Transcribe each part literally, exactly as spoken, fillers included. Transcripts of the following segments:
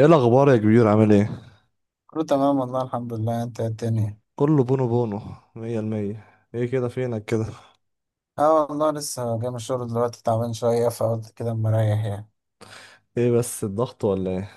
ايه الاخبار يا كبير؟ عامل ايه؟ كله تمام والله الحمد لله. انت ايه الدنيا؟ كله بونو بونو، مية المية. ايه كده؟ فينك كده؟ اه والله لسه جاي من الشغل دلوقتي، تعبان شوية فقلت كده اما اريح يعني. ايه، بس الضغط ولا ايه؟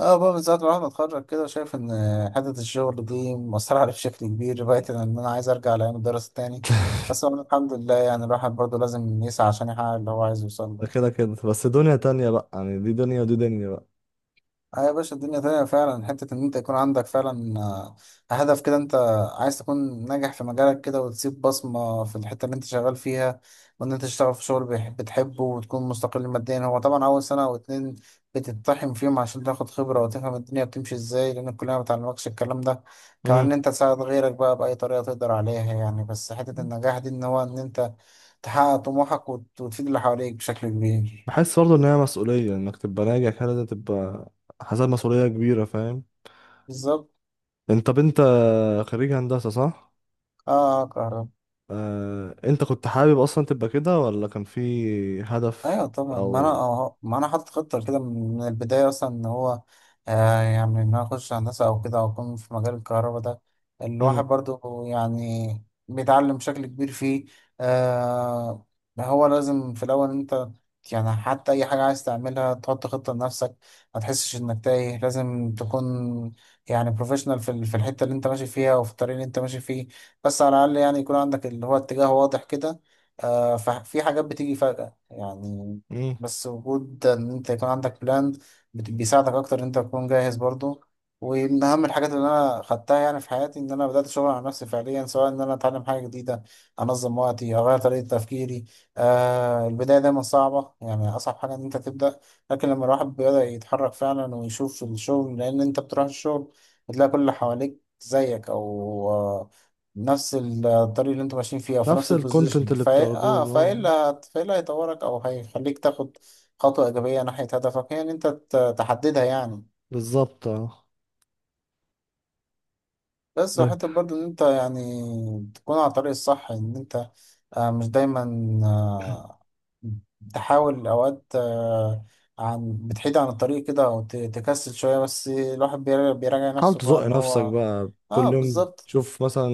اه، بقى من ساعة ما الواحد اتخرج كده شايف ان حتة الشغل دي مأثرة عليه بشكل كبير، بقيت ان انا عايز ارجع لأيام الدراسة تاني. بس والله الحمد لله، يعني الواحد برضه لازم يسعى عشان يحقق اللي هو عايز يوصل له. ده كده كده، بس دنيا تانية بقى، يعني دي دنيا ودي دنيا بقى. اه يا باشا الدنيا تانية فعلا، حتة إن أنت يكون عندك فعلا آه، هدف كده. أنت عايز تكون ناجح في مجالك كده وتسيب بصمة في الحتة اللي أنت شغال فيها، وإن أنت تشتغل في شغل بيح- بتحبه وتكون مستقل ماديا. هو طبعا أول سنة أو اتنين بتتطحن فيهم عشان تاخد خبرة وتفهم الدنيا بتمشي إزاي، لأن الكلية ما بتعلمكش الكلام ده. كمان امم إن أنت تساعد غيرك بقى بأي طريقة تقدر عليها يعني. بس حتة النجاح دي إن هو إن أنت تحقق طموحك وت- وتفيد اللي حواليك بشكل كبير. بحس برضه ان هي مسؤولية، انك تبقى ناجح كده لازم تبقى حاسس مسؤولية كبيرة، فاهم؟ بالظبط. انت، طب انت خريج هندسة صح؟ آه كهرباء. آه... انت كنت حابب اصلا تبقى كده ولا كان في هدف؟ ايوه طبعا، ما انا او أه- ما انا حاطط خطه كده من البدايه اصلا ان هو آه، يعني ان انا اخش هندسه او كده او اكون في مجال الكهرباء ده. امم الواحد برضو يعني بيتعلم بشكل كبير فيه. آه، هو لازم في الاول انت يعني حتى اي حاجه عايز تعملها تحط خطه لنفسك، ما تحسش انك تايه، لازم تكون يعني بروفيشنال في ال- في الحته اللي انت ماشي فيها وفي الطريق اللي انت ماشي فيه. بس على الاقل يعني يكون عندك اللي هو اتجاه واضح كده. آه، ففي حاجات بتيجي يعني. امم بس وجود ان انت يكون عندك بلان بت- بيساعدك اكتر ان انت تكون جاهز برضو. ومن اهم الحاجات اللي انا خدتها يعني في حياتي ان انا بدات شغل على نفسي فعليا، سواء ان انا اتعلم حاجه جديده، انظم وقتي، اغير طريقه تفكيري. آه البدايه دايما صعبه، يعني اصعب حاجه ان انت تبدا. لكن لما الواحد بيبدا يتحرك فعلا ويشوف الشغل، لان انت بتروح الشغل بتلاقي كل اللي حواليك زيك، او آه، نفس الطريق اللي انتوا ماشيين فيه او في نفس نفس الكونتنت البوزيشن. اللي فا اه بتاخدوه، فايه اه. اللي فايه اللي هيطورك او هيخليك تاخد خطوة ايجابية ناحية هدفك، هي ان انت ت- تحددها يعني. بالظبط، اه. بس وحتى برضو ان انت يعني تكون على الطريق الصح ان انت آه، مش دايما آه، تحاول اوقات آه، عن بتحيد عن الطريق كده او ت- تكسل شوية، بس الواحد بيرا- بيراجع حاول نفسه بقى تزق ان نفسك هو بقى اه كل يوم، بالظبط. تشوف مثلا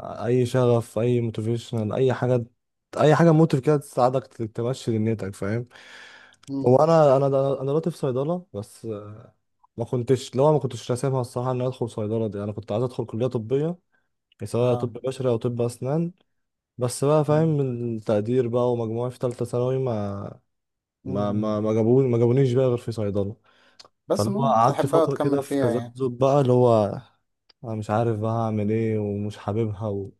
آه، اي شغف، اي موتيفيشنال، اي حاجه، اي حاجه موتيف كده تساعدك ت- تمشي دنيتك، فاهم؟ مم، هو انا انا د- انا دلوقتي في صيدله، بس آه، ما كنتش، لو ما كنتش راسمها الصراحه ان أنا ادخل صيدله دي، انا كنت عايز ادخل كليه طبيه يعني، سواء طب اه. بشري او طب اسنان. بس بقى، مم، فاهم، التقدير بقى ومجموعي في ثالثه ثانوي ما ما مم. ما ما جابوني، ما جابونيش بقى غير في صيدله. بس فاللي هو المهم إن انت قعدت تحبها فترة كده وتكمل في فيها يعني. تذبذب بقى، اللي هو أنا مش عارف بقى هعمل إيه، ومش حاببها و...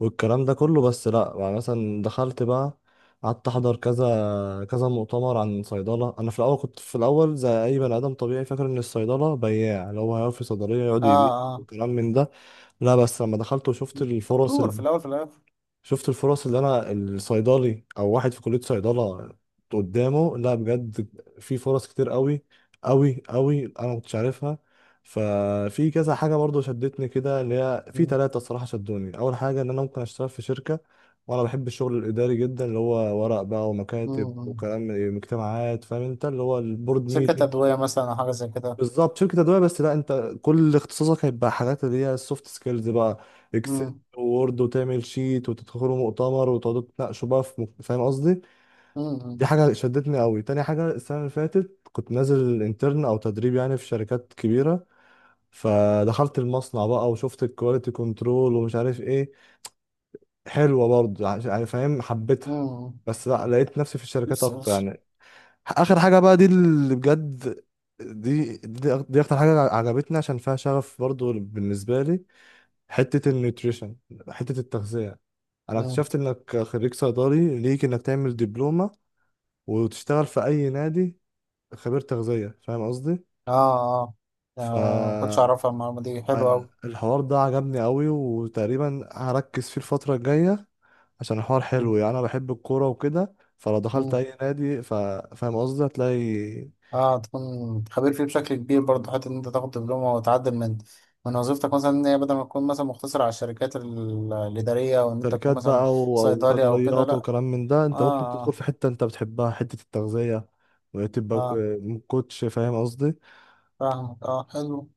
والكلام ده كله. بس لأ، يعني مثلا دخلت بقى، قعدت أحضر كذا كذا مؤتمر عن صيدلة. أنا في الأول كنت، في الأول زي أي بني آدم طبيعي، فاكر إن الصيدلة بياع، اللي هو هيقف في صيدلية يقعد اه. يبيع اه، وكلام من ده. لا، بس لما دخلت وشفت الفرص، دكتور في الاول في الاخر. شفت الفرص اللي انا الصيدلي او واحد في كلية صيدلة قدامه، لا بجد، في فرص كتير قوي قوي قوي انا ما كنتش عارفها. ففي كذا حاجة برضو شدتني كده، اللي هي في مم، ثلاثة الصراحة شدوني. اول حاجة ان انا ممكن اشتغل في شركة، وانا بحب الشغل الاداري جدا، اللي هو ورق بقى ومكاتب مم، وكلام اجتماعات، فاهم انت؟ اللي هو البورد شركة ميتنج. أدوية مثلا أو حاجة زي كده. بالظبط، شركة أدوية، بس لا، أنت كل اختصاصك هيبقى حاجات اللي هي السوفت سكيلز بقى، إكسل مم. وورد وتعمل شيت، وتدخلوا مؤتمر وتقعدوا تناقشوا بقى في مك- فاهم قصدي؟ دي مم. حاجة شدتني قوي. تاني حاجة، السنة اللي فاتت كنت نازل انترن أو تدريب يعني في شركات كبيرة، فدخلت المصنع بقى وشفت الكواليتي كنترول ومش عارف إيه، حلوة برضه، عش- يعني فاهم، حبيتها، مم. بس لا، لقيت نفسي في الشركات بس أكتر بس. يعني. اخر حاجه بقى، دي اللي بجد، دي دي, أك- دي اكتر حاجه عجبتني، عشان فيها شغف برضو بالنسبه لي. حته النيوتريشن، حته التغذيه. انا مم. اكتشفت انك خريج صيدلي، ليك انك تعمل دبلومه وتشتغل في اي نادي خبير تغذيه، فاهم قصدي؟ آه آه. ف آه، ما كنتش أعرفها، المعلومة دي حلوة أنا- أوي. الحوار ده عجبني قوي، وتقريبا هركز فيه الفتره الجايه، عشان الحوار مم. حلو يعني. انا بحب الكوره وكده، فلو دخلت مم. اي نادي ف... فاهم قصدي؟ هتلاقي آه تكون خبير فيه بشكل كبير برضه، حتى إن أنت تاخد دبلومة وتعدل من من وظيفتك مثلا، إن هي بدل ما تكون مثلا مقتصرة على الشركات ال- الإدارية، وإن أنت تكون شركات مثلا بقى و- او صيدلي أو كده صيدليات لأ. وكلام من ده. انت ممكن تدخل آه في حته انت بتحبها، حته التغذيه، آه. وتبقى آه ك- كوتش، فاهم قصدي؟ فاهمك، آه حلو.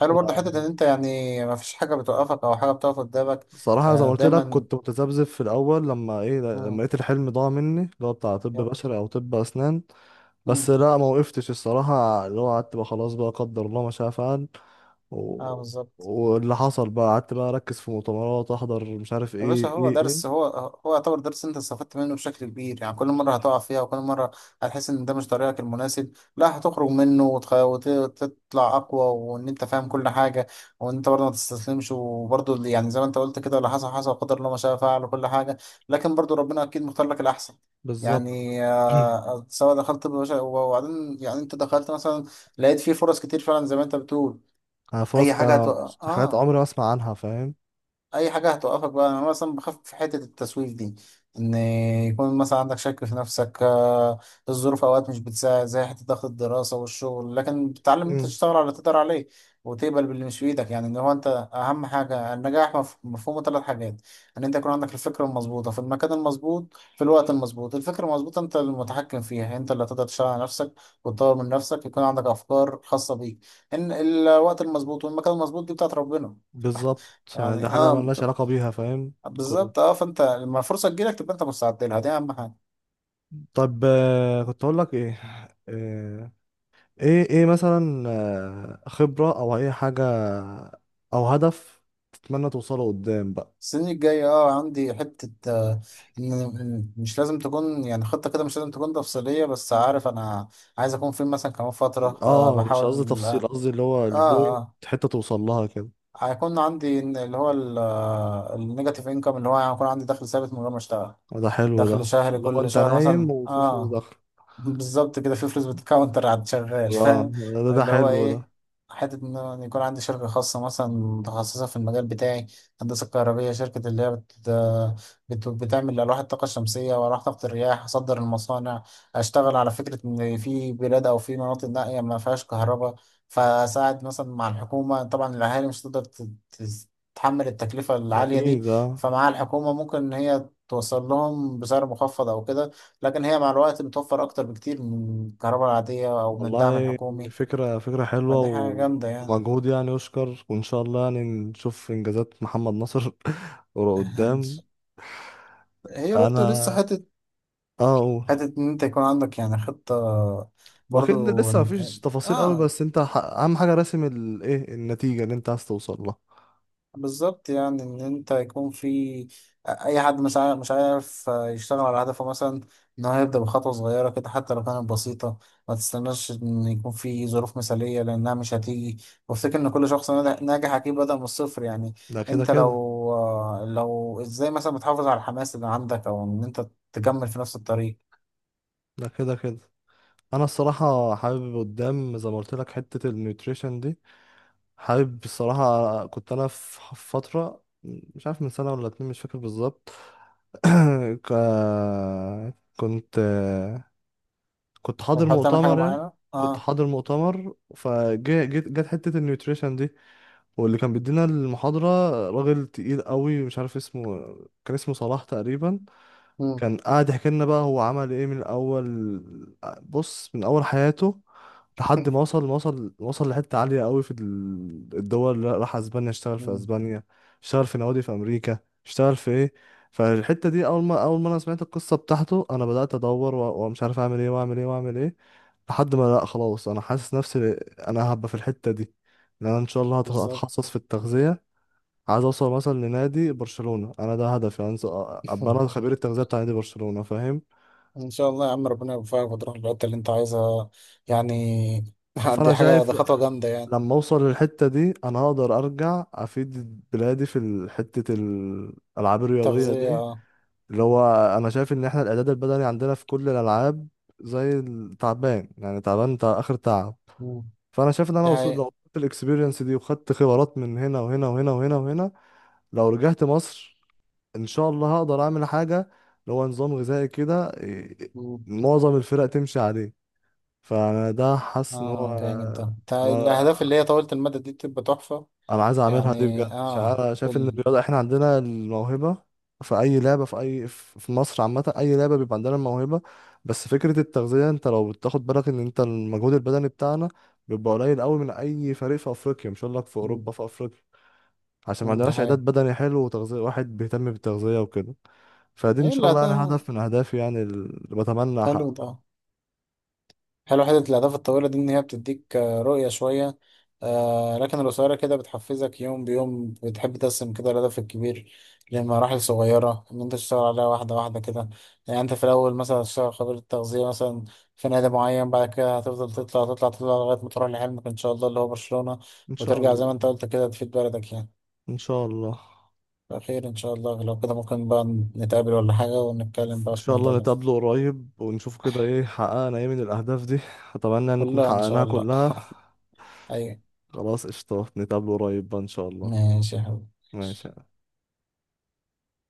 حلو برضه حتة إن أنت يعني ما فيش حاجة بتوقفك أو حاجة بتقف قدامك. صراحه زي ما آه قلت لك، دايما. كنت متذبذب في الاول، لما ايه، لما مم. لقيت الحلم ضاع مني، اللي هو بتاع طب بشري او طب اسنان. بس يب. لا، ما وقفتش الصراحه، اللي هو قعدت بقى، خلاص بقى، قدر الله ما شاء فعل، اه و... بالظبط. واللي حصل بقى قعدت بقى اركز في مؤتمرات، احضر، مش عارف يا ايه باشا هو ايه درس، ايه. هو هو يعتبر درس انت استفدت منه بشكل كبير، يعني كل مره هتقع فيها وكل مره هتحس ان ده مش طريقك المناسب لا هتخرج منه وتخ- وت- وتطلع اقوى وان انت فاهم كل حاجه. وان انت برضه ما تستسلمش، وبرضه اللي- يعني زي ما انت قلت كده اللي حصل حصل وقدر الله ما شاء فعل وكل حاجه. لكن برضه ربنا اكيد مختار لك الاحسن. بالظبط. يعني آه، سواء دخلت طب بشري وبعدين يعني انت دخلت مثلا لقيت فيه فرص كتير فعلا زي ما انت بتقول. أنا فرص اي حاجه كده، هتوقع حاجات اه. عمري ما اسمع عنها، فاهم. اي حاجه هتوقفك بقى. انا مثلا بخاف في حته التسويف دي، ان يكون مثلا عندك شك في نفسك. آه، الظروف اوقات مش بتساعد زي حته ضغط الدراسه والشغل، لكن بتتعلم إن انت تشتغل على اللي تقدر عليه وتقبل باللي مش في ايدك. يعني ان هو انت اهم حاجه، النجاح مف- مفهومه ثلاث حاجات: ان انت يكون عندك الفكره المظبوطه في المكان المظبوط في الوقت المظبوط. الفكره المظبوطه انت المتحكم فيها، انت اللي هتقدر تشتغل على نفسك وتطور من نفسك، يكون عندك افكار خاصه بيك. ان الوقت المظبوط والمكان المظبوط دي بتاعت ربنا بالظبط، يعني ده يعني. حاجة اه ملهاش علاقة بيها، فاهم. كل- بالظبط، اه فانت لما الفرصه تجيلك تبقى انت مستعد لها، دي اهم حاجه. طب آه، كنت أقول لك إيه، آه، إيه إيه مثلا، آه، خبرة أو أي حاجة أو هدف تتمنى توصله قدام بقى. السنين الجايه اه عندي حته آه، إن- إن مش لازم تكون يعني خطه كده، مش لازم تكون تفصيليه بس عارف انا عايز اكون فين مثلا كمان فتره. آه آه، مش قصدي بحاول تفصيل، اه قصدي اللي هو اه البوينت، آه، حتة توصل لها كده. هيكون عندي إن- اللي هو النيجاتيف انكم اللي هو يعني هيكون عندي دخل ثابت من غير ما اشتغل. ده حلو، دخل ده شهري اللي هو كل أنت شهر مثلا نايم وفي فلوس اه داخلة. بالظبط كده، في فلوس بتكاونتر على الشغال آه. فاهم. ده ده اللي هو حلو ده. ايه، حتة ان أنا يكون عندي شركة خاصة مثلا متخصصة في المجال بتاعي هندسة كهربية. شركة اللي هي بت... بت... بتعمل ألواح الطاقة الشمسية وألواح طاقة الرياح. أصدر المصانع، أشتغل على فكرة إن في بلاد أو في مناطق نائية ما فيهاش كهرباء. فأساعد مثلا مع الحكومة طبعا، الأهالي مش هتقدر ت... ت- تتحمل التكلفة ده العالية أكيد، دي. آه. فمع الحكومة ممكن إن هي توصل لهم بسعر مخفض أو كده. لكن هي مع الوقت بتوفر أكتر بكتير من الكهرباء العادية أو من الدعم والله الحكومي. فكرة، فكرة حلوة فدي حاجة و- جامدة يعني. ومجهود يعني يشكر، وإن شاء الله يعني نشوف إنجازات محمد نصر ورا قدام. هي برضو لسه أنا حتة، أه أقول، حتة إن أنت يكون عندك يعني خطة وأكيد برضو لسه إن- مفيش تفاصيل قوي، آه بس أنت ح- أهم حاجة راسم الإيه، النتيجة اللي أنت عايز توصل لها. بالظبط، يعني ان انت يكون في اي حد مش عارف مش عارف يشتغل على هدفه مثلا، ان هو يبدا بخطوه صغيره كده حتى لو كانت بسيطه. ما تستناش ان يكون في ظروف مثاليه لانها مش هتيجي. وافتكر ان كل شخص ناجح ناجح اكيد بدا من الصفر يعني. ده كده انت لو كده، آه، لو ازاي مثلا بتحافظ على الحماس اللي عندك او ان انت تكمل في نفس الطريق. ده كده كده. أنا الصراحة حابب قدام، زي ما قلت لك حتة النيوتريشن دي، حابب الصراحة. كنت أنا في فترة مش عارف من سنة ولا اتنين، مش فاكر بالظبط، ك- كنت كنت حاضر بتحاول تعمل حاجه مؤتمر يعني، معينه كنت اه. حاضر مؤتمر، فجت، جت حتة النيوتريشن دي، واللي كان بيدينا المحاضرة راجل تقيل قوي، مش عارف اسمه، كان اسمه صلاح تقريبا. مم. كان قاعد يحكي لنا بقى هو عمل ايه من اول، بص من اول حياته لحد ما وصل، ما وصل، وصل لحتة عالية قوي في ال- الدول اللي راح، اسبانيا، اشتغل في مم. اسبانيا، اشتغل في نوادي في امريكا، اشتغل في ايه. فالحتة دي اول ما، اول ما انا سمعت القصة بتاعته، انا بدأت ادور و- ومش عارف اعمل ايه واعمل ايه واعمل ايه، لحد ما لا، خلاص، انا حاسس نفسي انا هبقى في الحتة دي، ان انا ان شاء الله هت- بالظبط. هتخصص في التغذية. عايز اوصل مثلا لنادي برشلونة، انا ده هدفي يعني. أنزل ابقى انا خبير التغذية بتاع نادي برشلونة، فاهم. ان شاء الله يا عم ربنا يوفقك وتروح الحته اللي انت عايزها يعني. فانا دي حاجه، شايف دي خطوه جامده يعني. لما اوصل للحتة دي انا هقدر ارجع افيد بلادي في ال- حتة الالعاب الرياضية تغذيه دي، اه. اللي هو انا شايف ان احنا الاعداد البدني عندنا في كل الالعاب زي التعبان، يعني تعبان، تع- اخر تعب. مم. فانا شايف ان انا دي وصلت، لو حقيقة. وصلت الاكسبيرينس دي وخدت خبرات من هنا وهنا وهنا وهنا وهنا، لو رجعت مصر ان شاء الله هقدر اعمل حاجه، اللي هو نظام غذائي كده، إيه، مم. معظم الفرق تمشي عليه. فانا ده حاسس ان اه جامد هو، ده، ده انا الاهداف اللي هي طويله المدى دي بتبقى تحفه. انا عايز اعملها دي بجد، يعني عشان اه انا شايف ان ال... الرياضه احنا عندنا الموهبه، في اي لعبه، في اي، في مصر عامه اي لعبه بيبقى عندنا الموهبه، بس فكره التغذيه، انت لو بتاخد بالك ان انت المجهود البدني بتاعنا بيبقى قليل قوي من اي فريق في افريقيا، مش هقول لك في مم. اوروبا، في افريقيا، عشان ما مم. دي عندناش اعداد حقيقة. بدني حلو وتغذيه، واحد بيهتم بالتغذيه وكده. فدي ان شاء يلا الله يعني ده هدف من اهدافي يعني، اللي بتمنى حلو احققه. ده، حلو حتة الأهداف الطويلة دي إن هي بتديك آه، رؤية شوية. آه لكن القصيرة كده بتحفزك يوم بيوم، بتحب تقسم كده الهدف الكبير لمراحل صغيرة إن أنت تشتغل عليها واحدة واحدة كده. يعني أنت في الأول مثلا هتشتغل خبير التغذية مثلا في نادي معين، بعد كده هتفضل تطلع تطلع تطلع لغاية ما تروح لحلمك إن شاء الله اللي هو برشلونة. ان شاء وترجع زي الله. ما أنت قلت كده تفيد بلدك يعني. ان شاء الله. بخير إن شاء الله. لو كده ممكن بقى نتقابل ولا حاجة ونتكلم ان بقى في شاء الموضوع الله ده. نتقابله قريب ونشوف كده ايه حققنا ايه من الاهداف دي، اتمنى ان نكون كلها إن شاء حققناها الله. كلها. أيوة. خلاص، قشطة، نتقابله قريب بقى ان شاء الله. ماشي يا حبيبي. ماشي.